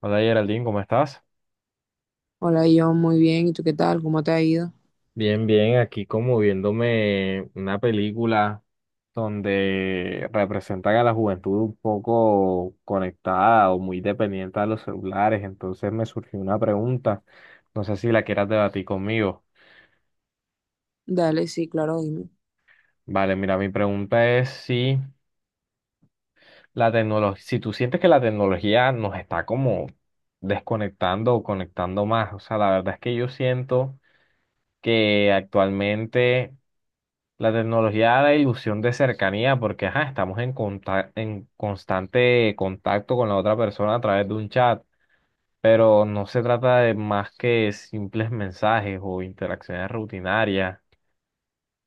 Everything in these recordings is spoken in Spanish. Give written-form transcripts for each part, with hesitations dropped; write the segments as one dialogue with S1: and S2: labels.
S1: Hola, Geraldine, ¿cómo estás?
S2: Hola, yo muy bien. ¿Y tú qué tal? ¿Cómo te ha ido?
S1: Bien, bien, aquí como viéndome una película. Donde representan a la juventud un poco conectada o muy dependiente a los celulares. Entonces me surgió una pregunta, no sé si la quieras debatir conmigo.
S2: Dale, sí, claro, dime.
S1: Vale, mira, mi pregunta es si la tecnología, si tú sientes que la tecnología nos está como desconectando o conectando más. O sea, la verdad es que yo siento que actualmente la tecnología da la ilusión de cercanía porque ajá, estamos en, en constante contacto con la otra persona a través de un chat, pero no se trata de más que simples mensajes o interacciones rutinarias.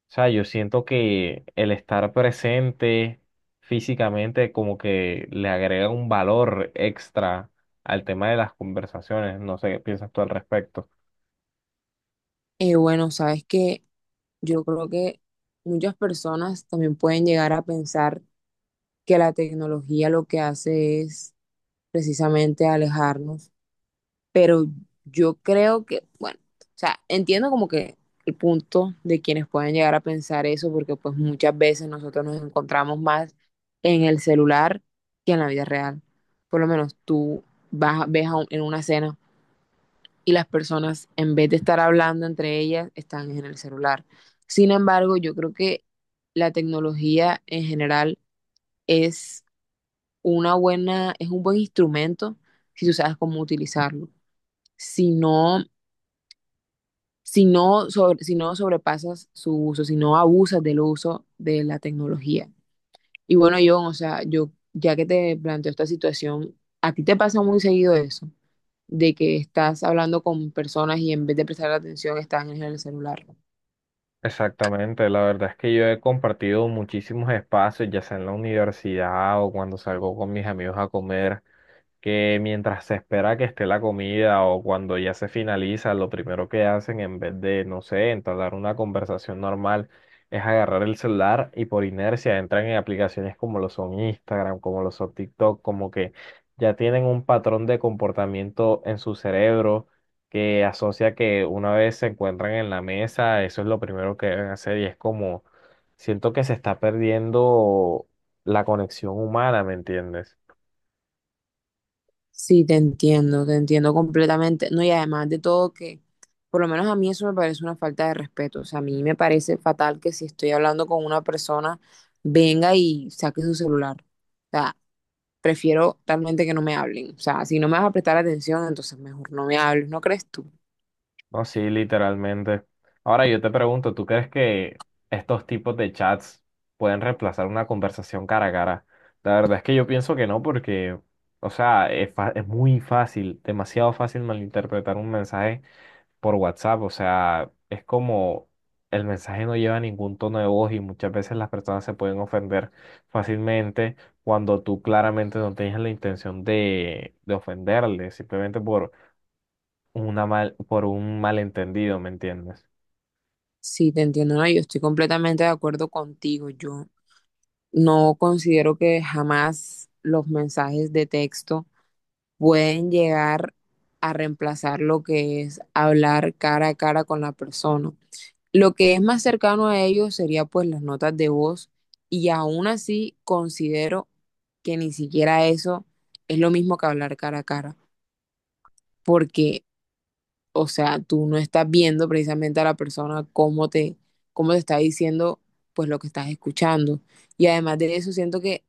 S1: O sea, yo siento que el estar presente físicamente como que le agrega un valor extra al tema de las conversaciones. No sé qué piensas tú al respecto.
S2: Bueno, sabes que yo creo que muchas personas también pueden llegar a pensar que la tecnología lo que hace es precisamente alejarnos, pero yo creo que, bueno, o sea, entiendo como que el punto de quienes pueden llegar a pensar eso, porque pues muchas veces nosotros nos encontramos más en el celular que en la vida real. Por lo menos tú vas, ves en una cena y las personas, en vez de estar hablando entre ellas, están en el celular. Sin embargo, yo creo que la tecnología en general es es un buen instrumento si tú sabes cómo utilizarlo. Si no, si no sobrepasas su uso, si no abusas del uso de la tecnología. Y bueno, yo, o sea, ya que te planteo esta situación, ¿a ti te pasa muy seguido eso de que estás hablando con personas y en vez de prestar atención están en el celular?
S1: Exactamente, la verdad es que yo he compartido muchísimos espacios, ya sea en la universidad o cuando salgo con mis amigos a comer, que mientras se espera que esté la comida o cuando ya se finaliza, lo primero que hacen en vez de, no sé, entablar una conversación normal, es agarrar el celular y por inercia entran en aplicaciones como lo son Instagram, como lo son TikTok, como que ya tienen un patrón de comportamiento en su cerebro que asocia que una vez se encuentran en la mesa, eso es lo primero que deben hacer y es como, siento que se está perdiendo la conexión humana, ¿me entiendes?
S2: Sí, te entiendo completamente. No, y además de todo que, por lo menos a mí eso me parece una falta de respeto. O sea, a mí me parece fatal que si estoy hablando con una persona, venga y saque su celular. O sea, prefiero realmente que no me hablen. O sea, si no me vas a prestar atención, entonces mejor no me hables, ¿no crees tú?
S1: No, sí, literalmente. Ahora yo te pregunto, ¿tú crees que estos tipos de chats pueden reemplazar una conversación cara a cara? La verdad es que yo pienso que no, porque, o sea, es, es muy fácil, demasiado fácil malinterpretar un mensaje por WhatsApp. O sea, es como el mensaje no lleva ningún tono de voz y muchas veces las personas se pueden ofender fácilmente cuando tú claramente no tienes la intención de, ofenderle, simplemente por por un malentendido, ¿me entiendes?
S2: Sí, te entiendo, no, yo estoy completamente de acuerdo contigo. Yo no considero que jamás los mensajes de texto pueden llegar a reemplazar lo que es hablar cara a cara con la persona. Lo que es más cercano a ellos sería pues las notas de voz y aún así considero que ni siquiera eso es lo mismo que hablar cara a cara, porque, o sea, tú no estás viendo precisamente a la persona cómo te está diciendo pues lo que estás escuchando. Y además de eso, siento que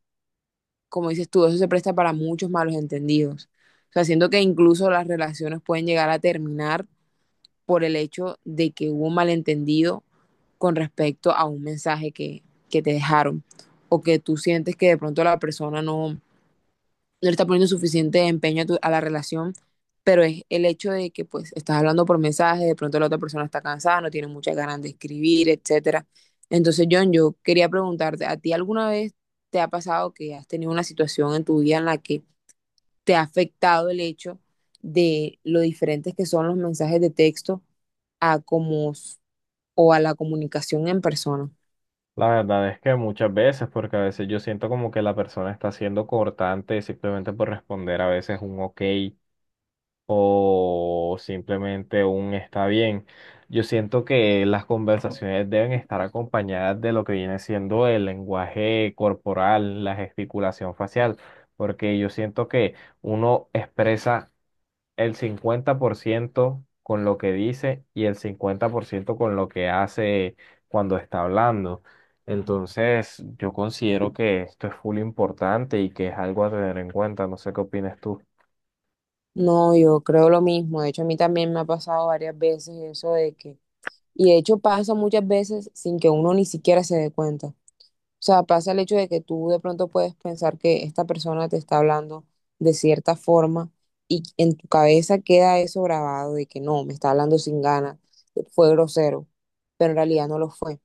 S2: como dices tú, eso se presta para muchos malos entendidos. O sea, siento que incluso las relaciones pueden llegar a terminar por el hecho de que hubo un malentendido con respecto a un mensaje que te dejaron o que tú sientes que de pronto la persona no, no le estás poniendo suficiente empeño a la relación, pero es el hecho de que pues estás hablando por mensaje, de pronto la otra persona está cansada, no tiene muchas ganas de escribir, etcétera. Entonces, John, yo quería preguntarte, ¿a ti alguna vez te ha pasado que has tenido una situación en tu vida en la que te ha afectado el hecho de lo diferentes que son los mensajes de texto a como s- o a la comunicación en persona?
S1: La verdad es que muchas veces, porque a veces yo siento como que la persona está siendo cortante simplemente por responder a veces un ok o simplemente un está bien. Yo siento que las conversaciones deben estar acompañadas de lo que viene siendo el lenguaje corporal, la gesticulación facial, porque yo siento que uno expresa el 50% con lo que dice y el 50% con lo que hace cuando está hablando. Entonces, yo considero que esto es full importante y que es algo a tener en cuenta. No sé qué opinas tú.
S2: No, yo creo lo mismo. De hecho, a mí también me ha pasado varias veces eso de que. Y de hecho pasa muchas veces sin que uno ni siquiera se dé cuenta. O sea, pasa el hecho de que tú de pronto puedes pensar que esta persona te está hablando de cierta forma y en tu cabeza queda eso grabado de que no, me está hablando sin ganas, fue grosero, pero en realidad no lo fue. O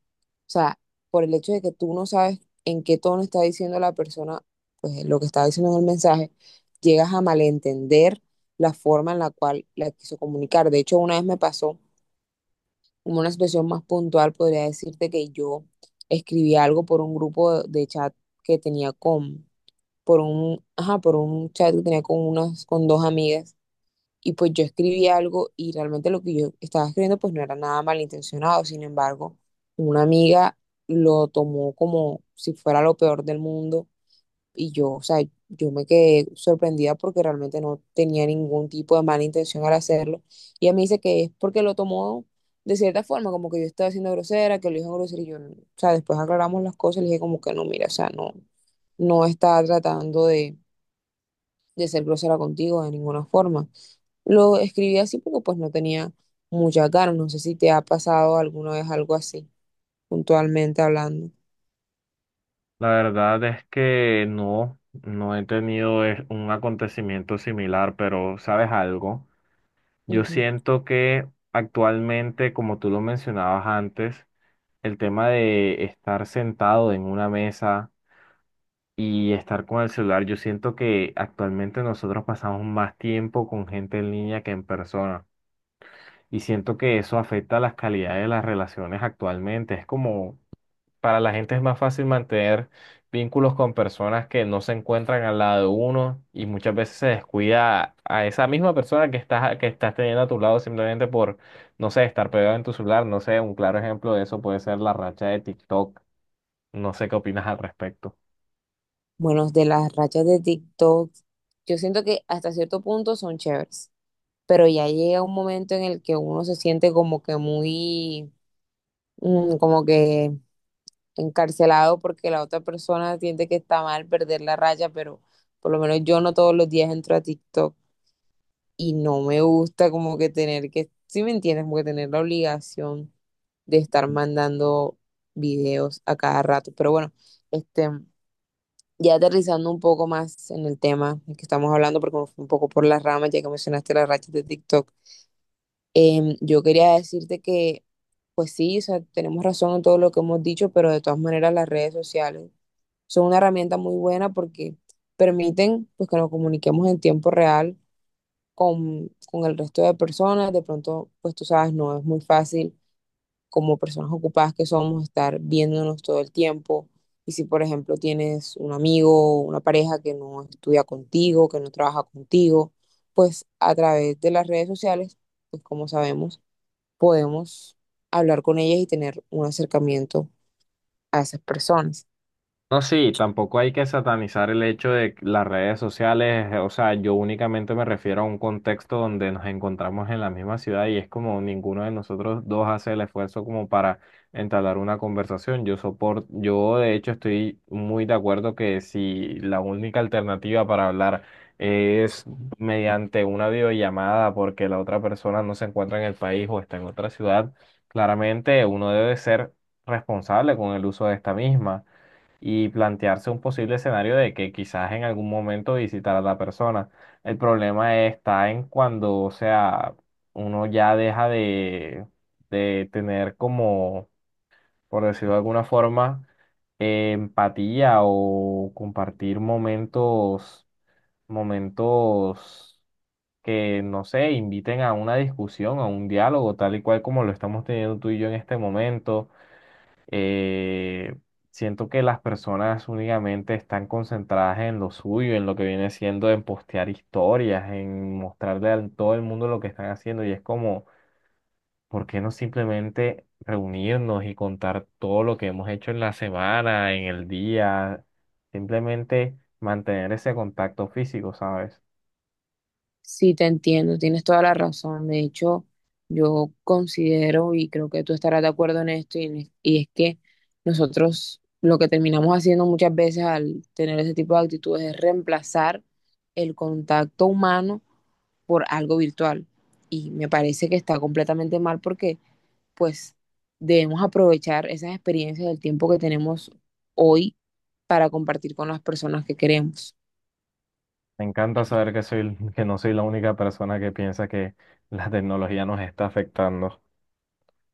S2: sea, por el hecho de que tú no sabes en qué tono está diciendo la persona, pues lo que está diciendo en el mensaje, llegas a malentender la forma en la cual la quiso comunicar. De hecho, una vez me pasó como una situación más puntual, podría decirte que yo escribí algo por un grupo de chat que tenía con, por un, ajá, por un chat que tenía con dos amigas, y pues yo escribí algo y realmente lo que yo estaba escribiendo pues no era nada malintencionado, sin embargo, una amiga lo tomó como si fuera lo peor del mundo y o sea, yo me quedé sorprendida porque realmente no tenía ningún tipo de mala intención al hacerlo. Y ella me dice que es porque lo tomó de cierta forma, como que yo estaba siendo grosera, que lo dijo grosero. Y o sea, después aclaramos las cosas y le dije como que no, mira, o sea, no, no estaba tratando de ser grosera contigo de ninguna forma. Lo escribí así porque pues no tenía muchas ganas. No sé si te ha pasado alguna vez algo así, puntualmente hablando.
S1: La verdad es que no, no he tenido un acontecimiento similar, pero ¿sabes algo? Yo siento que actualmente, como tú lo mencionabas antes, el tema de estar sentado en una mesa y estar con el celular. Yo siento que actualmente nosotros pasamos más tiempo con gente en línea que en persona y siento que eso afecta las calidades de las relaciones actualmente. Es como para la gente es más fácil mantener vínculos con personas que no se encuentran al lado de uno y muchas veces se descuida a esa misma persona que estás teniendo a tu lado simplemente por, no sé, estar pegado en tu celular. No sé, un claro ejemplo de eso puede ser la racha de TikTok. No sé qué opinas al respecto.
S2: Bueno, de las rachas de TikTok, yo siento que hasta cierto punto son chéveres, pero ya llega un momento en el que uno se siente como que encarcelado porque la otra persona siente que está mal perder la raya, pero por lo menos yo no todos los días entro a TikTok y no me gusta como que si me entiendes, como que tener la obligación de estar mandando videos a cada rato. Pero bueno, este... Ya aterrizando un poco más en el tema del que estamos hablando, porque me fui un poco por las ramas, ya que mencionaste las rachas de TikTok, yo quería decirte que, pues sí, o sea, tenemos razón en todo lo que hemos dicho, pero de todas maneras las redes sociales son una herramienta muy buena porque permiten pues, que nos comuniquemos en tiempo real con el resto de personas. De pronto, pues tú sabes, no es muy fácil como personas ocupadas que somos, estar viéndonos todo el tiempo. Y si, por ejemplo, tienes un amigo o una pareja que no estudia contigo, que no trabaja contigo, pues a través de las redes sociales, pues como sabemos, podemos hablar con ellas y tener un acercamiento a esas personas.
S1: No, sí, tampoco hay que satanizar el hecho de que las redes sociales, o sea, yo únicamente me refiero a un contexto donde nos encontramos en la misma ciudad y es como ninguno de nosotros dos hace el esfuerzo como para entablar una conversación. Yo soporto, yo de hecho estoy muy de acuerdo que si la única alternativa para hablar es mediante una videollamada porque la otra persona no se encuentra en el país o está en otra ciudad, claramente uno debe ser responsable con el uso de esta misma y plantearse un posible escenario de que quizás en algún momento visitar a la persona. El problema está en cuando, o sea, uno ya deja de, tener como, por decirlo de alguna forma, empatía o compartir momentos, momentos que, no sé, inviten a una discusión, a un diálogo, tal y cual como lo estamos teniendo tú y yo en este momento. eh, Siento que las personas únicamente están concentradas en lo suyo, en lo que viene siendo en postear historias, en mostrarle a todo el mundo lo que están haciendo y es como, ¿por qué no simplemente reunirnos y contar todo lo que hemos hecho en la semana, en el día? Simplemente mantener ese contacto físico, ¿sabes?
S2: Sí, te entiendo, tienes toda la razón. De hecho, yo considero y creo que tú estarás de acuerdo en esto y es que nosotros lo que terminamos haciendo muchas veces al tener ese tipo de actitudes es reemplazar el contacto humano por algo virtual. Y me parece que está completamente mal porque pues debemos aprovechar esas experiencias del tiempo que tenemos hoy para compartir con las personas que queremos.
S1: Me encanta saber que soy, que no soy la única persona que piensa que la tecnología nos está afectando.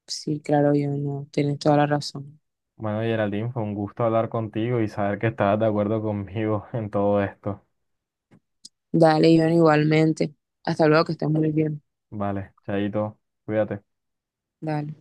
S2: Sí, claro, yo no, tienes toda la razón.
S1: Bueno, Geraldine, fue un gusto hablar contigo y saber que estabas de acuerdo conmigo en todo esto.
S2: Dale, Iván, igualmente. Hasta luego, que estés muy bien.
S1: Vale, Chaito, cuídate.
S2: Dale.